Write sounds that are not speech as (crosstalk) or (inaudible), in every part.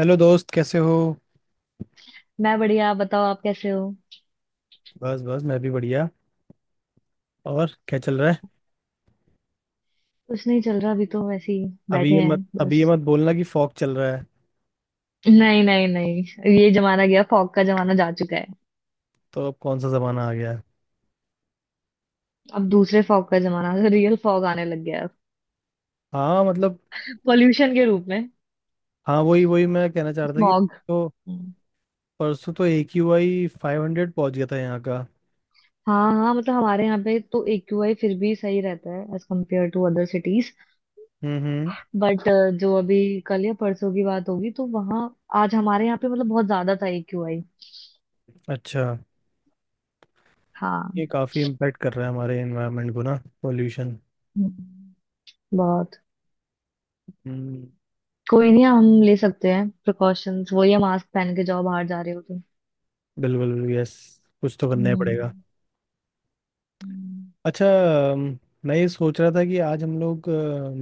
Hello दोस्त, कैसे हो? मैं बढ़िया। आप बताओ, आप कैसे हो? बस बस मैं भी बढ़िया। और क्या चल रहा है? कुछ नहीं चल रहा, अभी तो वैसे ही अभी बैठे ये मत हैं अभी ये बस। मत बोलना कि फॉग चल रहा है। नहीं, नहीं, नहीं। ये जमाना गया, फॉग का जमाना जा चुका है। तो अब कौन सा जमाना आ गया है? अब दूसरे फॉग का जमाना, रियल फॉग आने लग गया है। हाँ, मतलब। पोल्यूशन के रूप में। हाँ वही वही मैं कहना चाह रहा था कि। स्मॉग। तो परसों तो AQI 500 पहुंच गया था यहाँ का। हाँ हाँ, मतलब हमारे यहाँ पे तो एक्यूआई फिर भी सही रहता है, as compared to other cities. Hmm, hmm. But जो अभी कल या परसों की बात होगी तो वहाँ, आज हमारे यहाँ पे मतलब बहुत ज्यादा था एक्यूआई। अच्छा, हाँ। ये काफ़ी इम्पेक्ट कर रहा है हमारे एनवायरनमेंट को ना, पोल्यूशन। हम्म, बहुत। हम्म। कोई नहीं, हम ले सकते हैं प्रिकॉशंस, वही है मास्क पहन के जाओ बाहर जा रहे हो तुम। बिल्कुल बिल्कुल, यस। कुछ तो करना ही पड़ेगा। हम्म, हम्म। अच्छा। अम, मैं ये सोच रहा था कि आज हम लोग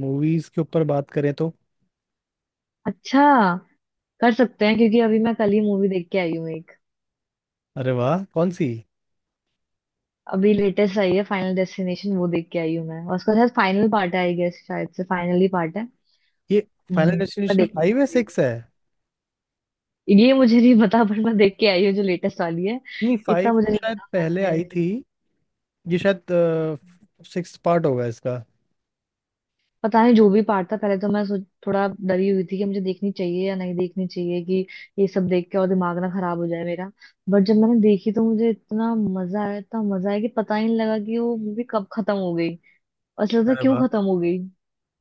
मूवीज के ऊपर बात करें तो। अच्छा। कर सकते हैं, क्योंकि अभी मैं कल ही मूवी देख के आई हूँ एक। अरे वाह, कौन सी? अभी लेटेस्ट आई है फाइनल डेस्टिनेशन, वो देख के आई हूँ मैं। और उसका शायद फाइनल पार्ट है आई गेस, शायद से फाइनल ही पार्ट है। ये फाइनल मैं डेस्टिनेशन देखने फाइव है, के लिए। 6 है? ये मुझे नहीं पता, पर मैं देख के आई हूँ जो लेटेस्ट वाली है। नहीं, 5 इतना मुझे तो नहीं शायद पहले आई पता। थी। ये शायद 6 पार्ट होगा इसका। पता नहीं जो भी पार्ट था। पहले तो मैं सोच थोड़ा डरी हुई थी कि मुझे देखनी चाहिए या नहीं देखनी चाहिए, कि ये सब देख के और दिमाग ना खराब हो जाए मेरा। बट जब मैंने देखी तो मुझे इतना मजा आया, इतना मजा आया कि पता ही नहीं लगा कि वो मूवी कब खत्म हो गई। और ऐसा लगता अरे क्यों वाह। खत्म हो गई।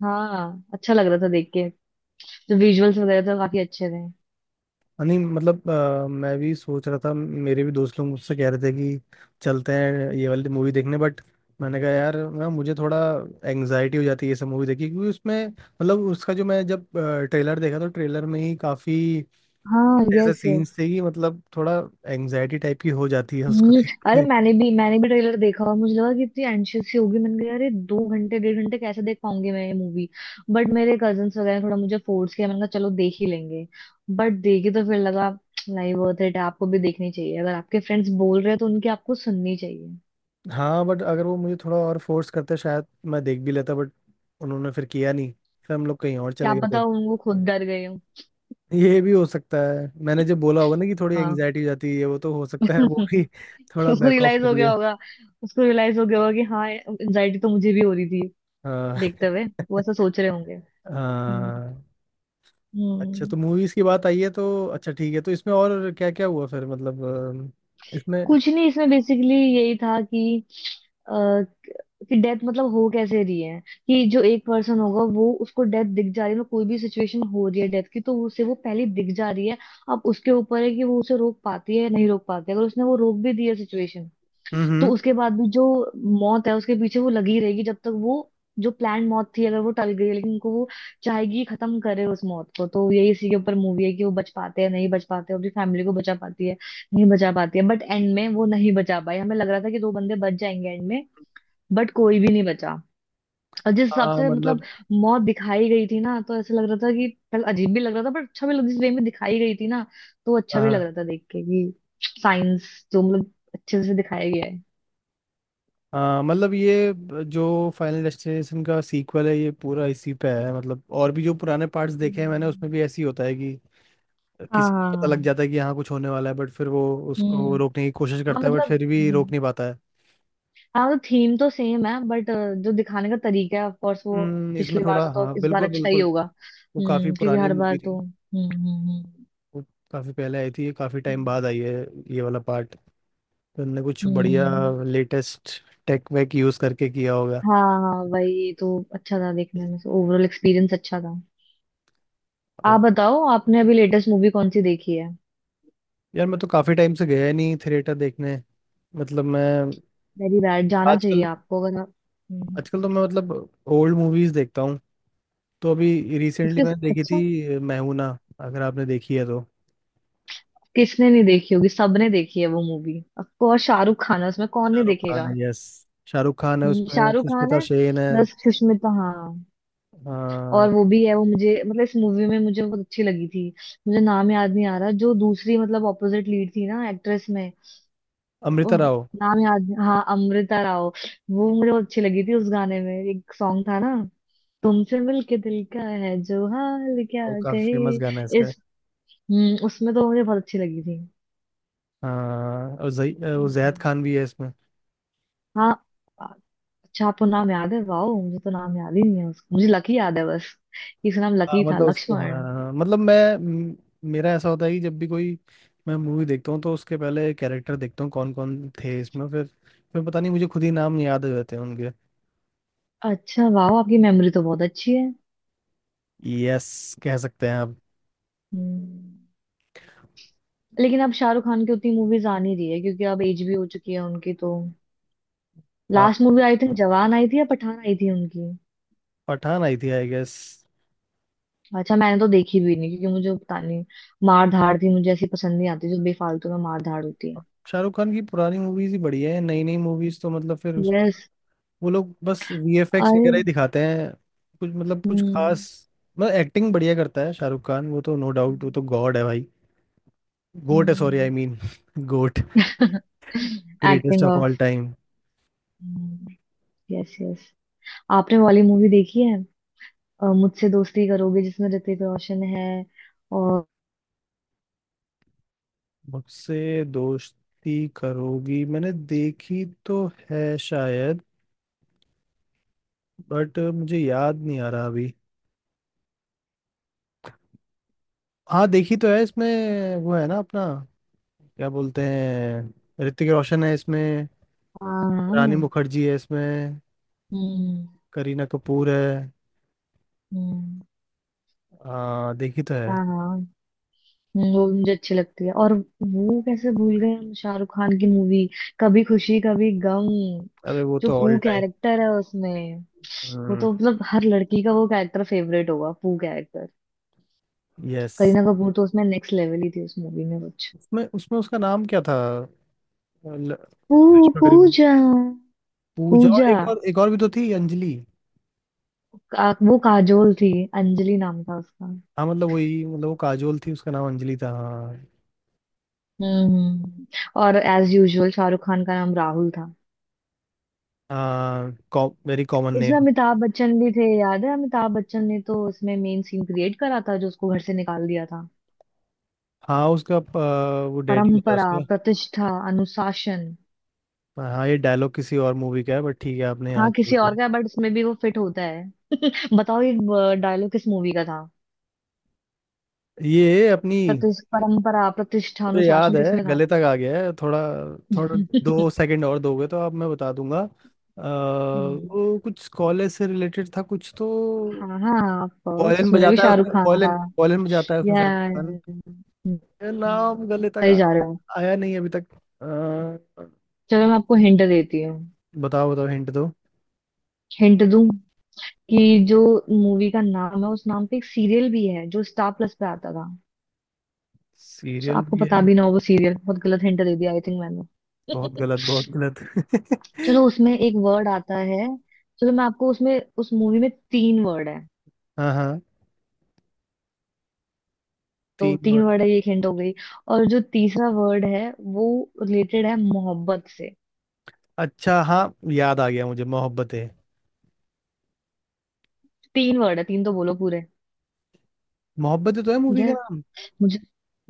हाँ, अच्छा लग रहा था देख के। जो विजुअल्स वगैरह थे वो काफी अच्छे थे। नहीं मतलब मैं भी सोच रहा था, मेरे भी दोस्त लोग मुझसे कह रहे थे कि चलते हैं ये वाली मूवी देखने, बट मैंने कहा यार ना, मुझे थोड़ा एंग्जाइटी हो जाती है ये सब मूवी देखी, क्योंकि उसमें मतलब उसका जो मैं जब ट्रेलर देखा तो ट्रेलर में ही काफी हाँ, ऐसे यस, सीन्स यस। थे कि मतलब थोड़ा एंग्जाइटी टाइप की हो जाती है उसको हम्म, देख अरे के। मैंने भी ट्रेलर देखा, और मुझे लगा कि इतनी एंशियस सी होगी। मैंने कहा अरे 2 घंटे 1.5 घंटे कैसे देख पाऊंगी मैं ये मूवी। बट मेरे कजन्स वगैरह ने थोड़ा मुझे फोर्स किया, मैंने कहा चलो देख ही लेंगे। बट देखी तो फिर लगा नहीं, वर्थ इट। आपको भी देखनी चाहिए, अगर आपके फ्रेंड्स बोल रहे हैं तो उनकी आपको सुननी चाहिए। हाँ बट अगर वो मुझे थोड़ा और फोर्स करते शायद मैं देख भी लेता, बट उन्होंने फिर किया नहीं, फिर हम लोग कहीं और क्या चले गए पता थे। उनको, खुद डर गए हो। ये भी हो सकता है, मैंने जब बोला होगा ना कि थोड़ी हाँ। एंग्जाइटी हो जाती है, वो तो हो सकता है वो भी (laughs) (laughs) थोड़ा उसको बैक ऑफ रियलाइज हो कर गया लिया। होगा। उसको रियलाइज हो गया होगा कि हाँ, एंजाइटी तो मुझे भी हो रही थी हाँ। देखते हुए। वो (laughs) ऐसा सोच रहे होंगे। हम्म, हाँ। अच्छा तो हम्म। मूवीज की बात आई है, तो अच्छा ठीक है, तो इसमें और क्या क्या हुआ फिर, मतलब इसमें। कुछ नहीं, इसमें बेसिकली यही था अ, कि डेथ मतलब हो कैसे रही है। कि जो एक पर्सन होगा वो उसको डेथ दिख जा रही है, मतलब कोई भी सिचुएशन हो रही है डेथ की तो उसे वो पहले दिख जा रही है। अब उसके ऊपर है कि वो उसे रोक पाती है या नहीं रोक पाती है। अगर उसने वो रोक भी दिया सिचुएशन, हम्म, तो हम्म। उसके बाद भी जो मौत है उसके पीछे वो लगी रहेगी, जब तक वो जो प्लान मौत थी अगर वो टल गई लेकिन उनको वो चाहेगी खत्म करे उस मौत को। तो यही इसी के ऊपर मूवी है कि वो बच पाते हैं नहीं बच पाते, अपनी फैमिली को बचा पाती है नहीं बचा पाती है। बट एंड में वो नहीं बचा पाई, हमें लग रहा था कि दो बंदे बच जाएंगे एंड में। बट कोई भी नहीं बचा। और जिस हिसाब हाँ से मतलब मतलब। मौत दिखाई गई थी ना, तो ऐसा लग रहा था कि पहले अजीब भी लग रहा था पर अच्छा भी लग, जिस वे में दिखाई गई थी ना तो अच्छा भी लग हाँ। रहा था देख के कि साइंस जो मतलब अच्छे से दिखाया गया हाँ मतलब जो फाइनल डेस्टिनेशन का सीक्वल है ये पूरा इसी पे है, मतलब और भी जो पुराने पार्ट्स है। देखे हैं मैंने उसमें भी ऐसे ही होता है कि किसी को पता लग हाँ, जाता है कि यहाँ कुछ होने वाला है, बट फिर वो उसको हम्म, रोकने की कोशिश हाँ करता है, बट मतलब फिर भी रोक हम्म, नहीं पाता है। हाँ मतलब थीम तो सेम है बट, जो दिखाने का तरीका है ऑफ कोर्स वो इसमें पिछली बार थोड़ा से तो हाँ, इस बार बिल्कुल अच्छा ही बिल्कुल। होगा। वो काफ़ी हम्म, क्योंकि पुरानी हर मूवी बार थी, तो हम्म, हम्म, हम्म। वो काफ़ी पहले आई थी, काफ़ी टाइम हम्म। बाद आई है ये वाला पार्ट, तो उनने कुछ बढ़िया हम्म, लेटेस्ट टेक वेक यूज़ करके किया होगा। हाँ, हाँ, वही तो। अच्छा था देखने में, ओवरऑल एक्सपीरियंस अच्छा था। ओ, आप बताओ, आपने अभी लेटेस्ट मूवी कौन सी देखी है? यार मैं तो काफ़ी टाइम से गया ही नहीं थिएटर देखने। मतलब मैं वेरी बैड, जाना आजकल, चाहिए आपको अगर आप। हम्म, आजकल तो मैं ओल्ड मूवीज देखता हूँ। तो अभी रिसेंटली उसके। मैंने देखी अच्छा। थी मैहूना, अगर आपने देखी है तो। किसने नहीं देखी होगी, सबने देखी है वो movie. Of course Shahrukh Khan है उसमें, कौन नहीं शाहरुख खान देखेगा। है, यस, शाहरुख खान है, उसमें शाहरुख खान सुष्मिता है। सेन है। प्लस सुष्मिता, हाँ। हाँ, और वो भी है, वो मुझे मतलब इस मूवी में मुझे बहुत अच्छी लगी थी। मुझे नाम याद नहीं आ रहा जो दूसरी मतलब ऑपोजिट लीड थी ना एक्ट्रेस में। वो अमृता राव। नाम याद नहीं- हाँ, अमृता राव। वो मुझे बहुत अच्छी लगी थी। उस गाने में एक सॉन्ग था ना, तुमसे मिलके दिल का है जो हाल क्या और काफी कहे। फेमस गाना है इसका। इस उसमें तो मुझे बहुत अच्छी लगी थी। हाँ, और जही वो जैद खान हम्म। भी है इसमें। हाँ। अच्छा, आपको नाम याद है! वाओ, मुझे तो नाम याद ही नहीं है उसका, मुझे लकी याद है बस। इसका नाम हाँ लकी था, मतलब उसको, हाँ लक्ष्मण। हाँ, हाँ, मतलब मेरा ऐसा होता है कि जब भी कोई मैं मूवी देखता हूँ तो उसके पहले कैरेक्टर देखता हूँ कौन कौन थे इसमें, फिर पता नहीं मुझे खुद ही नाम याद हो जाते हैं उनके। अच्छा वाह, आपकी मेमोरी तो बहुत अच्छी है। यस, कह सकते हैं आप। हम्म। लेकिन अब शाहरुख खान की उतनी मूवीज आ नहीं रही है, क्योंकि अब एज भी हो चुकी है उनकी। तो हाँ, last movie I think Jawan आई थी, या पठान आई थी उनकी। पठान आई थी आई गेस। अच्छा मैंने तो देखी भी नहीं क्योंकि मुझे पता नहीं, मार धाड़ थी, मुझे ऐसी पसंद नहीं आती जो बेफालतू में मार धाड़ होती है। शाहरुख खान की पुरानी मूवीज ही बढ़िया है, नई नई मूवीज तो मतलब, फिर उस यस। वो लोग बस VFX अरे। वगैरह ही दिखाते हैं, कुछ मतलब कुछ हम्म। खास। मतलब एक्टिंग बढ़िया करता है शाहरुख खान, वो तो नो डाउट, वो तो गॉड है भाई। गोट है, sorry I mean goat, greatest acting of all of, time. Yes, yes. (laughs) आपने वाली मूवी देखी है? मुझसे दोस्ती करोगे जिसमें ऋतिक रोशन है और, (laughs) मुझसे दोस्ती करोगी, मैंने देखी तो है शायद, बट मुझे याद नहीं आ रहा अभी। हाँ, देखी तो है, इसमें वो है ना अपना, क्या बोलते हैं, ऋतिक रोशन है इसमें, रानी हाँ, मुखर्जी है इसमें, हम्म, करीना कपूर है। हम्म, हाँ देखी तो है। हाँ, हाँ, वो भी मुझे अच्छी लगती है और, वो कैसे भूल गए हम, शाहरुख खान की मूवी कभी खुशी कभी गम। अरे वो जो तो ऑल पू टाइम, कैरेक्टर है उसमें, वो तो मतलब हर लड़की का वो कैरेक्टर फेवरेट होगा, पू कैरेक्टर। यस। करीना कपूर तो उसमें नेक्स्ट लेवल ही थी, उस मूवी में कुछ। उसमें उसमें उसका नाम क्या था? ल- पू, करिश्मा करीब, पूजा, पूजा। और पूजा एक और एक और भी तो थी, अंजलि। का, वो काजोल थी। अंजलि नाम था उसका। हाँ मतलब वही, मतलब वो काजोल थी, उसका नाम अंजलि था, हाँ। हम्म। और एज यूजुअल शाहरुख खान का नाम राहुल था। हाँ वेरी कॉमन इसमें नेम। अमिताभ बच्चन भी थे, याद है? अमिताभ बच्चन ने तो इसमें मेन सीन क्रिएट करा था, जो उसको घर से निकाल दिया था। हाँ उसका वो डैडी होता है परंपरा, उसका। प्रतिष्ठा, अनुशासन। हाँ, ये डायलॉग किसी और मूवी का है बट ठीक है आपने यहाँ हाँ, किसी जोड़ और दिया। का, बट इसमें भी वो फिट होता है। बताओ ये डायलॉग किस मूवी का था? ये अपनी। प्रतिष्ठ परंपरा प्रतिष्ठा मुझे याद अनुशासन किस है, में था? गले तक आ गया है, थोड़ा, थोड़ा, (laughs) 2 सेकंड और दोगे तो आप मैं बता दूंगा। हम्म, वो कुछ कॉलेज से रिलेटेड था कुछ तो। हाँ, हाँ, ऑफ कोर्स वॉयलिन उसमें भी बजाता है शाहरुख उसमें खान था। वॉयलिन वॉयलिन बजाता है उसमें या, शाहरुख खान। ये नाम गले तक सही जा रहे हो। आया नहीं अभी तक। अ, चलो, मैं आपको हिंट देती हूँ। बताओ बताओ हिंट दो। हिंट दूँ? कि जो मूवी का नाम है, उस नाम पे एक सीरियल भी है जो स्टार प्लस पे आता था। जो सीरियल आपको भी पता है। भी ना हो वो सीरियल, बहुत गलत हिंट दे दिया आई थिंक मैंने। बहुत गलत बहुत (laughs) चलो, गलत (laughs) उसमें एक वर्ड आता है। चलो मैं आपको उसमें, उस मूवी में तीन वर्ड है। हाँ हाँ। तो तीन तीन वर्ड। वर्ड है, ये एक हिंट हो गई। और जो तीसरा वर्ड है, वो रिलेटेड है मोहब्बत से। अच्छा हाँ, याद आ गया मुझे, मोहब्बतें। तीन वर्ड है तीन, तो बोलो पूरे। मोहब्बतें तो है मूवी का यार, नाम। मुझे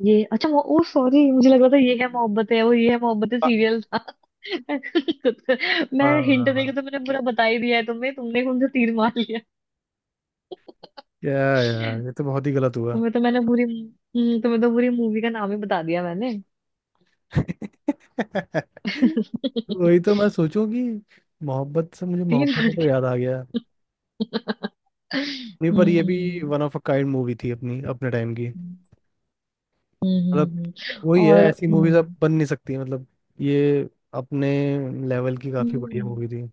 ये, अच्छा वो, ओ सॉरी, मुझे लग रहा था ये है मोहब्बत है। वो ये है मोहब्बत है वाह सीरियल था। (laughs) मैं वाह हिंट वाह, देके वाह। तो मैंने पूरा बता ही दिया है तुम्हें, तुमने कौन सा तीर मार लिया। क्या यार, ये तो बहुत ही गलत हुआ। तुम्हें तो पूरी मूवी का नाम ही बता दिया मैंने। (laughs) वही तो मैं सोचूं कि मोहब्बत से मुझे तीन मोहब्बत है तो लड़कियां। याद आ गया। नहीं पर ये भी hmm, one of a kind movie थी, अपनी अपने टाइम की, हम्म, हम्म, हम्म। मतलब। हम्म, वही है, और ऐसी मूवीज अब हम्म, बन नहीं सकती, मतलब ये अपने लेवल की काफी बढ़िया हम्म, मूवी थी।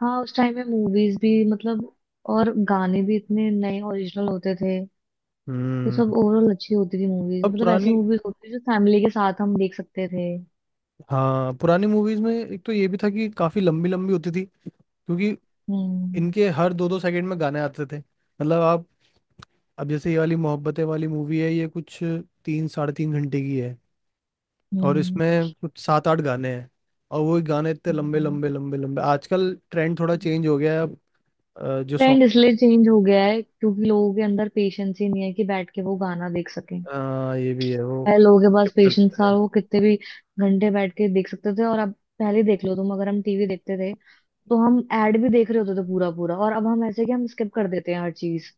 हाँ, उस टाइम में मूवीज भी मतलब, और गाने भी इतने नए ओरिजिनल होते थे। वो हम्म। सब ओवरऑल अच्छी होती थी मूवीज, अब मतलब ऐसी पुरानी, मूवीज होती थी जो फैमिली के साथ हम देख सकते थे। हाँ पुरानी मूवीज में एक तो ये भी था कि काफी लंबी लंबी होती थी, क्योंकि हम्म, इनके हर 2 2 सेकंड में गाने आते थे, मतलब आप। अब जैसे ये वाली मोहब्बतें वाली मूवी है ये कुछ 3 साढ़े 3 घंटे की है, और हम्म। इसमें कुछ सात आठ गाने हैं, और वो गाने इतने लंबे लंबे लंबे लंबे, आजकल ट्रेंड थोड़ा चेंज हो गया है अब। जो ट्रेंड सॉन्ग, इसलिए चेंज हो गया है क्योंकि लोगों के अंदर पेशेंस ही नहीं है कि बैठ के वो गाना देख सकें। ये भी है वो पहले लोगों के पास skip पेशेंस करते था, हैं। वो कितने भी घंटे बैठ के देख सकते थे, और अब, पहले देख लो तुम, अगर हम टीवी देखते थे तो हम एड भी देख रहे होते थे पूरा पूरा। और अब हम ऐसे कि हम स्किप कर देते हैं हर चीज।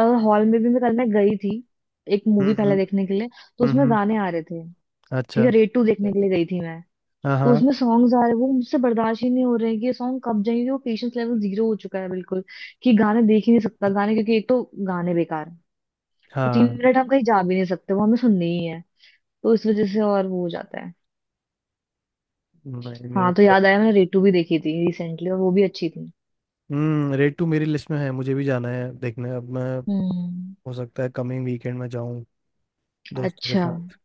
और हॉल में भी मैं कल मैं गई थी, एक मूवी पहले हम्म, देखने के लिए। तो हम्म, उसमें गाने आ रहे थे। ठीक अच्छा। है, रेड टू देखने के लिए गई थी मैं। हाँ तो हाँ। उसमें सॉन्ग्स आ रहे हैं, वो मुझसे बर्दाश्त ही नहीं हो रहे हैं कि ये सॉन्ग कब जाएंगे। वो पेशेंस लेवल जीरो हो चुका है बिल्कुल, कि गाने देख ही नहीं सकता गाने, क्योंकि एक तो गाने बेकार हैं। तो तीन हाँ। मिनट हम कहीं जा भी नहीं सकते, वो हमें सुनने ही है। तो इस वजह से और वो हो जाता है। नहीं नहीं वो हाँ तो तो। याद आया, मैंने रेटू भी देखी थी रिसेंटली, और वो भी अच्छी थी। हम्म, रेड 2 मेरी लिस्ट में है, मुझे भी जाना है देखने अब। मैं हम्म। हो सकता है कमिंग वीकेंड में जाऊं, दोस्तों के अच्छा। साथ।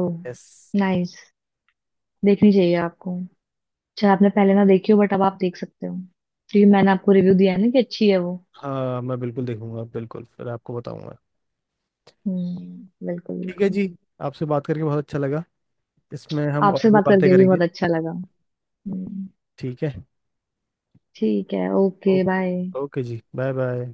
Oh, yes. नाइस। देखनी चाहिए आपको, चाहे आपने पहले ना देखी हो बट अब आप देख सकते हो, क्योंकि मैंने आपको रिव्यू दिया है ना कि अच्छी है वो। हाँ मैं बिल्कुल देखूंगा, बिल्कुल फिर आपको बताऊंगा। हम्म, बिल्कुल, ठीक है बिल्कुल। जी, आपसे बात करके बहुत अच्छा लगा, इसमें हम और आपसे भी बात बातें करके भी करेंगे। बहुत अच्छा लगा। हम्म। ठीक है। ठीक है, ओ- ओके, बाय। ओके जी, बाय बाय।